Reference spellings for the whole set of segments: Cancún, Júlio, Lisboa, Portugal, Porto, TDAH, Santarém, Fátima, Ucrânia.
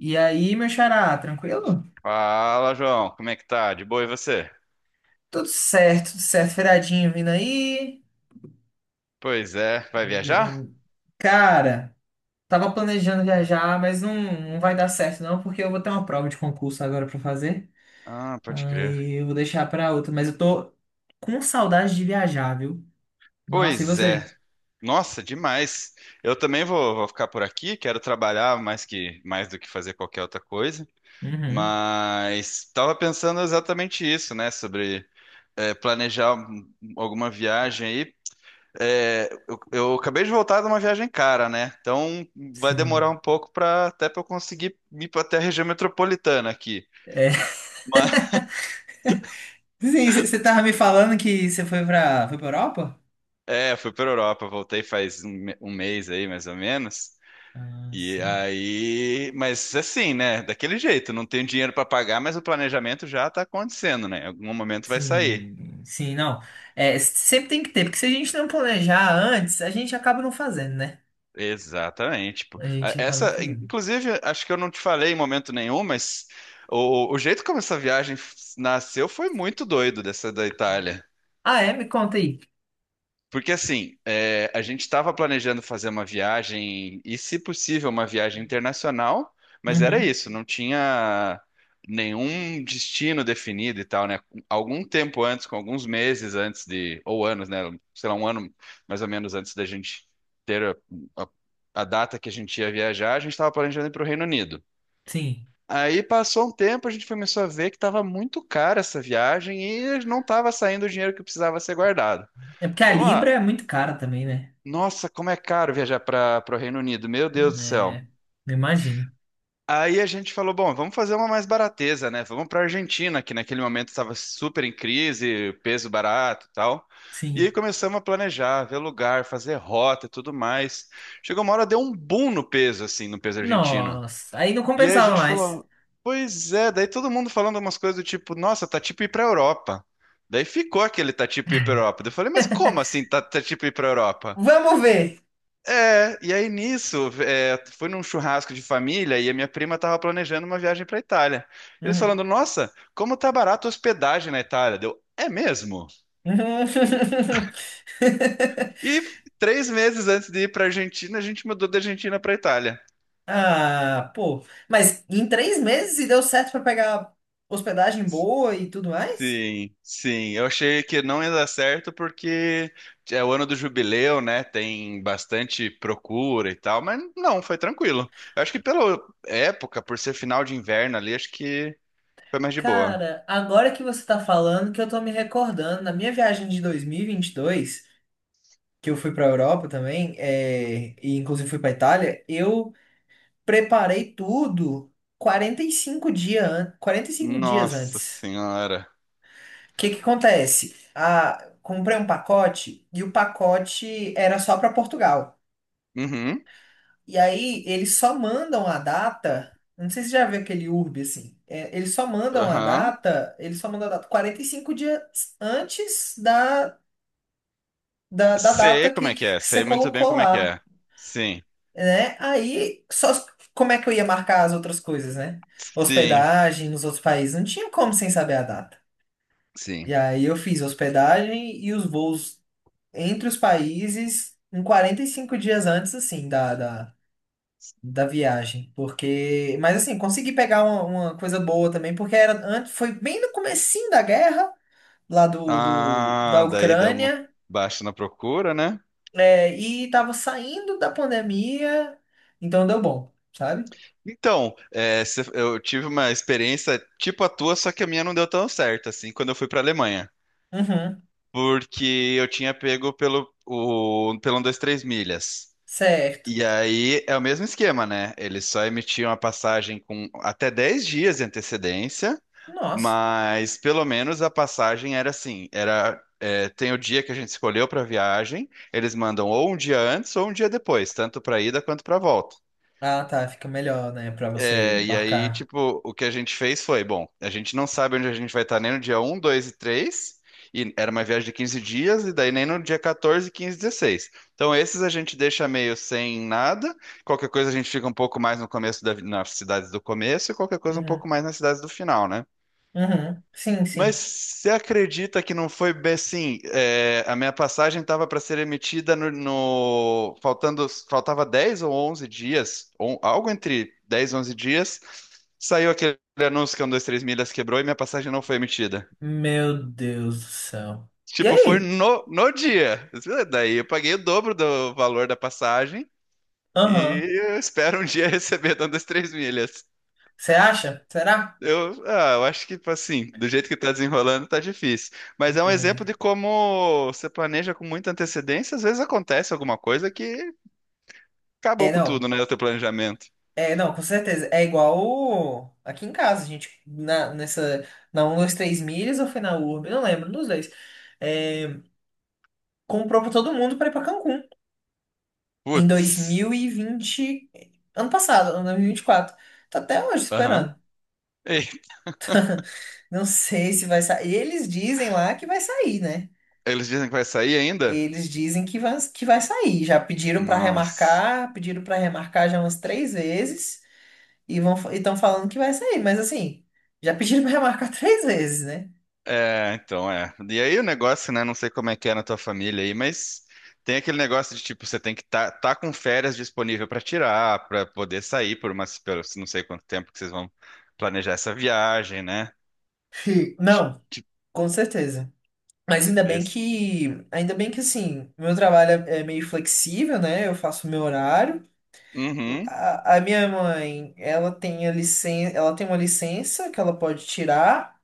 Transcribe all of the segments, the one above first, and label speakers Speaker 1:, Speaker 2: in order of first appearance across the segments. Speaker 1: E aí, meu xará, tranquilo?
Speaker 2: Fala, João. Como é que tá? De boa e você?
Speaker 1: Tudo certo, tudo certo. Feriadinho vindo aí.
Speaker 2: Pois é. Vai viajar?
Speaker 1: Eh, Cara, tava planejando viajar, não vai dar certo não, porque eu vou ter uma prova de concurso agora pra fazer.
Speaker 2: Ah, pode crer.
Speaker 1: Aí eu vou deixar pra outra, mas eu tô com saudade de viajar, viu? Nossa, e
Speaker 2: Pois é.
Speaker 1: você?
Speaker 2: Nossa, demais. Eu também vou, vou ficar por aqui. Quero trabalhar mais do que fazer qualquer outra coisa.
Speaker 1: Uhum,
Speaker 2: Mas tava pensando exatamente isso, né? Sobre planejar alguma viagem aí. É, eu acabei de voltar de uma viagem cara, né? Então vai demorar
Speaker 1: sim.
Speaker 2: um pouco para até para eu conseguir ir para até a região metropolitana aqui.
Speaker 1: É. Sim, você tava me falando que foi pra Europa?
Speaker 2: É, fui pra Europa, voltei faz um mês aí, mais ou menos.
Speaker 1: Ah,
Speaker 2: E
Speaker 1: sim.
Speaker 2: aí, mas assim, né? Daquele jeito, não tenho dinheiro pra pagar, mas o planejamento já tá acontecendo, né? Em algum momento vai sair.
Speaker 1: Sim, sim, não. É, sempre tem que ter, porque se a gente não planejar antes, a gente acaba não fazendo, né?
Speaker 2: Exatamente. Tipo,
Speaker 1: A gente acaba não
Speaker 2: essa,
Speaker 1: fazendo.
Speaker 2: inclusive, acho que eu não te falei em momento nenhum, mas o jeito como essa viagem nasceu foi muito doido dessa da Itália.
Speaker 1: Ah, é? Me conta aí.
Speaker 2: Porque assim, é, a gente estava planejando fazer uma viagem, e se possível, uma viagem internacional, mas era
Speaker 1: Uhum,
Speaker 2: isso, não tinha nenhum destino definido e tal, né? Algum tempo antes, com alguns meses antes de, ou anos, né? Sei lá, um ano mais ou menos antes da gente ter a, a- a data que a gente ia viajar, a gente estava planejando ir para o Reino Unido.
Speaker 1: sim.
Speaker 2: Aí passou um tempo, a gente começou a ver que estava muito cara essa viagem e não estava saindo o dinheiro que precisava ser guardado.
Speaker 1: É porque a
Speaker 2: Vamos
Speaker 1: Libra
Speaker 2: lá.
Speaker 1: é muito cara também, né?
Speaker 2: Nossa, como é caro viajar para o Reino Unido, meu Deus do céu.
Speaker 1: É, eu imagino.
Speaker 2: Aí a gente falou, bom, vamos fazer uma mais barateza, né? Vamos para Argentina, que naquele momento estava super em crise, peso barato, e tal. E
Speaker 1: Sim.
Speaker 2: aí começamos a planejar, ver lugar, fazer rota e tudo mais. Chegou uma hora deu um boom no peso assim, no peso argentino.
Speaker 1: Nossa, aí não
Speaker 2: E aí a
Speaker 1: compensava
Speaker 2: gente
Speaker 1: mais.
Speaker 2: falou, pois é, daí todo mundo falando umas coisas do tipo, nossa, tá tipo ir para Europa. Daí ficou aquele tá tipo ir para Europa. Daí eu falei, mas como assim tá, tá tipo ir para Europa?
Speaker 1: Vamos ver.
Speaker 2: É, e aí nisso, é, foi num churrasco de família e a minha prima estava planejando uma viagem para Itália. Eles
Speaker 1: Uhum.
Speaker 2: falando, nossa, como tá barato a hospedagem na Itália. Deu, é mesmo? E 3 meses antes de ir para Argentina, a gente mudou da Argentina para Itália.
Speaker 1: Ah, pô. Mas em três meses e deu certo pra pegar hospedagem boa e tudo mais?
Speaker 2: Sim, sim. Eu achei que não ia dar certo porque é o ano do jubileu, né? Tem bastante procura e tal, mas não, foi tranquilo. Eu acho que pela época, por ser final de inverno ali, acho que foi mais de boa.
Speaker 1: Cara, agora que você tá falando, que eu tô me recordando, na minha viagem de 2022, que eu fui pra Europa também, é, e inclusive fui pra Itália, eu preparei tudo 45 dias
Speaker 2: Nossa
Speaker 1: antes.
Speaker 2: senhora.
Speaker 1: O que que acontece? Ah, comprei um pacote e o pacote era só pra Portugal.
Speaker 2: Uhum.
Speaker 1: E aí eles só mandam a data. Não sei se você já viu aquele urbe assim. É, eles só mandam a
Speaker 2: Aham.
Speaker 1: data. Eles só mandam a data 45 dias antes da
Speaker 2: Sei
Speaker 1: data
Speaker 2: como é que
Speaker 1: que
Speaker 2: é.
Speaker 1: você
Speaker 2: Sei muito bem
Speaker 1: colocou
Speaker 2: como é que
Speaker 1: lá,
Speaker 2: é. Sim.
Speaker 1: né? Aí só como é que eu ia marcar as outras coisas, né?
Speaker 2: Sim.
Speaker 1: Hospedagem nos outros países. Não tinha como sem saber a data. E
Speaker 2: Sim.
Speaker 1: aí eu fiz hospedagem e os voos entre os países em 45 dias antes, assim, da viagem, porque, mas assim, consegui pegar uma coisa boa também, porque era antes, foi bem no comecinho da guerra, lá do, do da
Speaker 2: Ah, daí deu uma
Speaker 1: Ucrânia,
Speaker 2: baixa na procura, né?
Speaker 1: é, e tava saindo da pandemia, então deu bom, sabe?
Speaker 2: Então, é, se- eu tive uma experiência tipo a tua, só que a minha não deu tão certo, assim, quando eu fui pra Alemanha.
Speaker 1: Uhum,
Speaker 2: Porque eu tinha pego pelo, o, pelo um, dois, três milhas.
Speaker 1: certo.
Speaker 2: E aí é o mesmo esquema, né? Eles só emitiam a passagem com até 10 dias de antecedência.
Speaker 1: Nossa.
Speaker 2: Mas pelo menos a passagem era assim, era é, tem o dia que a gente escolheu para viagem, eles mandam ou um dia antes ou um dia depois, tanto para ida quanto para volta.
Speaker 1: Ah, tá, fica melhor, né, pra você
Speaker 2: É, e aí,
Speaker 1: marcar.
Speaker 2: tipo, o que a gente fez foi, bom, a gente não sabe onde a gente vai estar nem no dia um 2 e 3 e era uma viagem de 15 dias, e daí nem no dia 14, 15 e 16. Então esses a gente deixa meio sem nada, qualquer coisa a gente fica um pouco mais no começo da, nas cidades do começo e qualquer coisa um
Speaker 1: Uhum,
Speaker 2: pouco mais nas cidades do final, né?
Speaker 1: uhum, sim,
Speaker 2: Mas
Speaker 1: sim.
Speaker 2: você acredita que não foi bem assim? É, a minha passagem estava para ser emitida no, no- faltando faltava 10 ou 11 dias, ou algo entre 10, e 11 dias, saiu aquele anúncio que um, dois, três milhas quebrou e minha passagem não foi emitida.
Speaker 1: Meu Deus do céu. E
Speaker 2: Tipo, foi
Speaker 1: aí?
Speaker 2: no dia. Daí eu paguei o dobro do valor da passagem e
Speaker 1: Aham.
Speaker 2: eu espero um dia receber dando as três milhas.
Speaker 1: Você acha? Será?
Speaker 2: Eu, ah, eu acho que, tipo assim, do jeito que tá desenrolando, tá difícil. Mas é um exemplo
Speaker 1: É,
Speaker 2: de como você planeja com muita antecedência, às vezes acontece alguma coisa que
Speaker 1: é,
Speaker 2: acabou com tudo,
Speaker 1: não.
Speaker 2: né? O teu planejamento.
Speaker 1: É, não, com certeza. É igual o- aqui em casa, a gente na, nessa, na 1, 2, 3 milhas ou foi na Urb, não lembro, nos dois. É, comprou pra todo mundo pra ir pra Cancún em dois
Speaker 2: Putz.
Speaker 1: mil e vinte ano passado, ano 2024. Tá até hoje
Speaker 2: Aham.
Speaker 1: esperando.
Speaker 2: Ei,
Speaker 1: Não sei se vai sair. Eles dizem lá que vai sair, né?
Speaker 2: eles dizem que vai sair ainda?
Speaker 1: Eles dizem que vai sair. Já
Speaker 2: Nossa.
Speaker 1: pediram pra remarcar já umas três vezes e vão, estão falando que vai sair, mas assim, já pediram pra remarcar três vezes, né?
Speaker 2: É, então é. E aí o negócio, né? Não sei como é que é na tua família aí, mas tem aquele negócio de tipo, você tem que estar tá com férias disponível para tirar, para poder sair por umas, pelo, não sei quanto tempo que vocês vão planejar essa viagem, né?
Speaker 1: Não,
Speaker 2: Tipo,
Speaker 1: com certeza. Mas
Speaker 2: esse.
Speaker 1: ainda bem que assim, meu trabalho é meio flexível, né? Eu faço o meu horário.
Speaker 2: Uhum.
Speaker 1: A minha mãe, ela tem a licença, ela tem uma licença que ela pode tirar,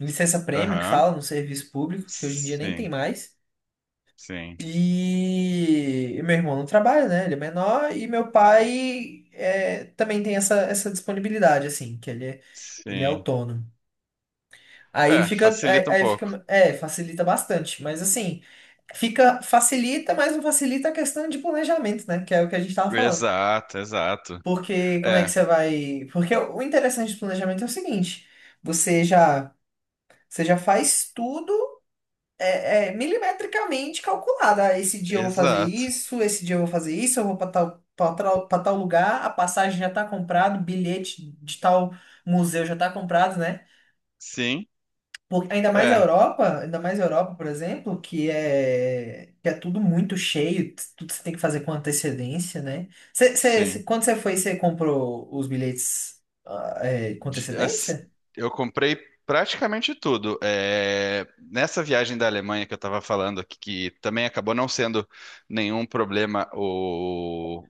Speaker 1: licença prêmio que
Speaker 2: Aham.
Speaker 1: fala no serviço público, que hoje em dia nem tem
Speaker 2: Sim,
Speaker 1: mais.
Speaker 2: sim,
Speaker 1: E, meu irmão não trabalha, né? Ele é menor e meu pai é, também tem essa disponibilidade assim, que ele é
Speaker 2: sim.
Speaker 1: autônomo.
Speaker 2: É, facilita um
Speaker 1: Aí
Speaker 2: pouco.
Speaker 1: fica, é, facilita bastante, mas assim, fica, facilita, mas não facilita a questão de planejamento, né? Que é o que a gente tava falando.
Speaker 2: Exato, exato.
Speaker 1: Porque como é que
Speaker 2: É,
Speaker 1: você vai? Porque o interessante do planejamento é o seguinte, você já, você já faz tudo é, é, milimetricamente calculado. Ah, esse dia eu vou fazer
Speaker 2: exato.
Speaker 1: isso, esse dia eu vou fazer isso, eu vou para tal, para tal, para tal lugar, a passagem já tá comprada, o bilhete de tal museu já tá comprado, né?
Speaker 2: Sim,
Speaker 1: Porque, ainda mais a
Speaker 2: é,
Speaker 1: Europa, ainda mais a Europa, por exemplo, que é tudo muito cheio, tudo você tem que fazer com antecedência, né?
Speaker 2: sim.
Speaker 1: Quando você foi, você comprou os bilhetes ah, é, com
Speaker 2: de- as-
Speaker 1: antecedência?
Speaker 2: eu comprei praticamente tudo. É, nessa viagem da Alemanha que eu estava falando, aqui, que também acabou não sendo nenhum problema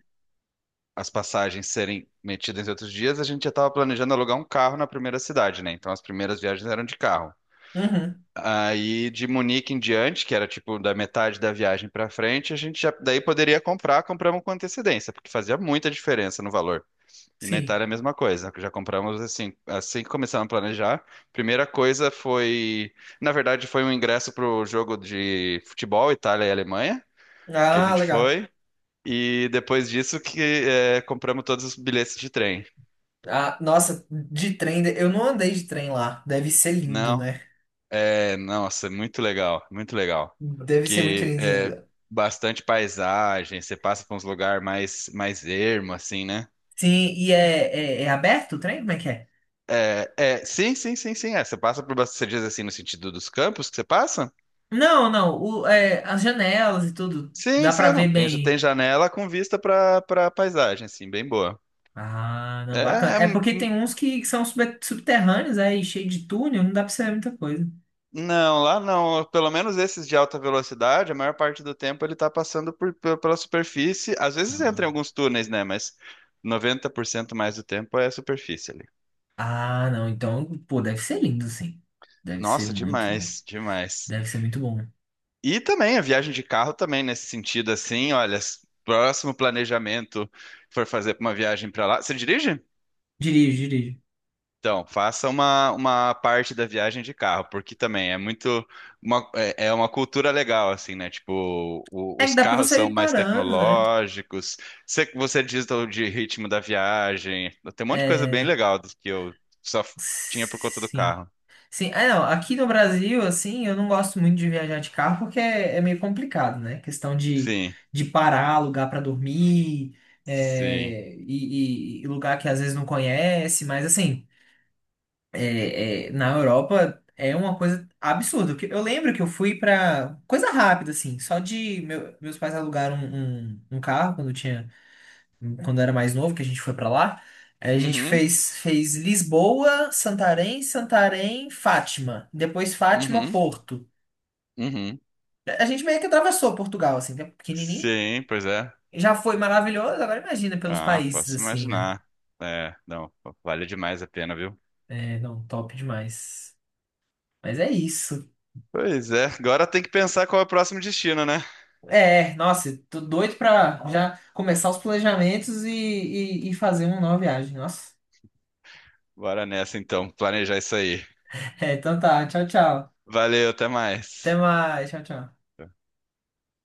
Speaker 2: as passagens serem metidas em outros dias, a gente já estava planejando alugar um carro na primeira cidade, né? Então as primeiras viagens eram de carro.
Speaker 1: Uhum,
Speaker 2: Aí de Munique em diante, que era tipo da metade da viagem para frente, a gente já daí poderia comprar, compramos com antecedência, porque fazia muita diferença no valor. E na
Speaker 1: sim.
Speaker 2: Itália é a mesma coisa. Já compramos assim, assim que começamos a planejar. Primeira coisa foi, na verdade, foi um ingresso para o jogo de futebol Itália e Alemanha, que a
Speaker 1: Ah,
Speaker 2: gente
Speaker 1: legal.
Speaker 2: foi. E depois disso que é, compramos todos os bilhetes de trem.
Speaker 1: Ah, nossa, de trem, eu não andei de trem lá. Deve ser lindo,
Speaker 2: Não,
Speaker 1: né?
Speaker 2: é, nossa, muito legal, muito legal.
Speaker 1: Deve ser muito
Speaker 2: Que é
Speaker 1: lindo.
Speaker 2: bastante paisagem, você passa por uns lugares mais ermo assim, né?
Speaker 1: Sim, e é, é, é aberto o trem? Como é que é?
Speaker 2: É, é, sim, sim, sim, sim. É, você passa por, bast- você diz assim no sentido dos campos que você passa?
Speaker 1: Não, é, as janelas e tudo,
Speaker 2: Sim,
Speaker 1: dá pra
Speaker 2: sim,
Speaker 1: ver
Speaker 2: não. Tem
Speaker 1: bem.
Speaker 2: janela com vista para paisagem, assim, bem boa.
Speaker 1: Ah,
Speaker 2: É,
Speaker 1: não, bacana.
Speaker 2: é,
Speaker 1: É
Speaker 2: hum,
Speaker 1: porque
Speaker 2: hum,
Speaker 1: tem uns que são subterrâneos aí, cheio de túnel, não dá pra ser muita coisa.
Speaker 2: não, lá não. Pelo menos esses de alta velocidade, a maior parte do tempo ele tá passando por, pela superfície. Às vezes entra em
Speaker 1: Ah,
Speaker 2: alguns túneis, né? Mas 90% mais do tempo é a superfície ali.
Speaker 1: Ah, não, então, pô, deve ser lindo, sim. Deve ser
Speaker 2: Nossa,
Speaker 1: muito bom.
Speaker 2: demais, demais.
Speaker 1: Deve ser muito bom.
Speaker 2: E também a viagem de carro também nesse sentido, assim, olha, s- próximo planejamento for fazer uma viagem para lá. Você dirige?
Speaker 1: Dirijo, dirijo.
Speaker 2: Então, faça uma parte da viagem de carro, porque também é muito uma, é uma cultura legal, assim, né? Tipo,
Speaker 1: É que
Speaker 2: os
Speaker 1: dá pra
Speaker 2: carros
Speaker 1: você
Speaker 2: são
Speaker 1: ir
Speaker 2: mais
Speaker 1: parando, né?
Speaker 2: tecnológicos, você diz do, de ritmo da viagem, tem um monte de coisa bem
Speaker 1: É.
Speaker 2: legal do que eu só tinha por conta do
Speaker 1: Sim.
Speaker 2: carro.
Speaker 1: Sim, é, não, aqui no Brasil, assim, eu não gosto muito de viajar de carro porque é, é meio complicado, né?
Speaker 2: Sim,
Speaker 1: De parar, lugar pra dormir,
Speaker 2: sim.
Speaker 1: é, e lugar que às vezes não conhece, mas assim. É, é, na Europa é uma coisa absurda. Porque eu lembro que eu fui pra coisa rápida, assim, meus pais alugaram um carro quando eu tinha, quando eu era mais novo, que a gente foi pra lá. Aí a gente
Speaker 2: Uhum,
Speaker 1: fez Lisboa, Santarém, Santarém, Fátima. Depois Fátima,
Speaker 2: uhum,
Speaker 1: Porto.
Speaker 2: uhum.
Speaker 1: A gente meio que atravessou Portugal, assim, que é pequenininho.
Speaker 2: Sim, pois é.
Speaker 1: Já foi maravilhoso, agora imagina pelos
Speaker 2: Ah,
Speaker 1: países,
Speaker 2: posso
Speaker 1: assim, né?
Speaker 2: imaginar. É, não, vale demais a pena, viu?
Speaker 1: É, não, top demais. Mas é isso.
Speaker 2: Pois é, agora tem que pensar qual é o próximo destino, né?
Speaker 1: É, nossa, tô doido pra já começar os planejamentos e fazer uma nova viagem. Nossa.
Speaker 2: Bora nessa então, planejar isso aí.
Speaker 1: É, então tá, tchau, tchau.
Speaker 2: Valeu, até mais.
Speaker 1: Até mais, tchau, tchau.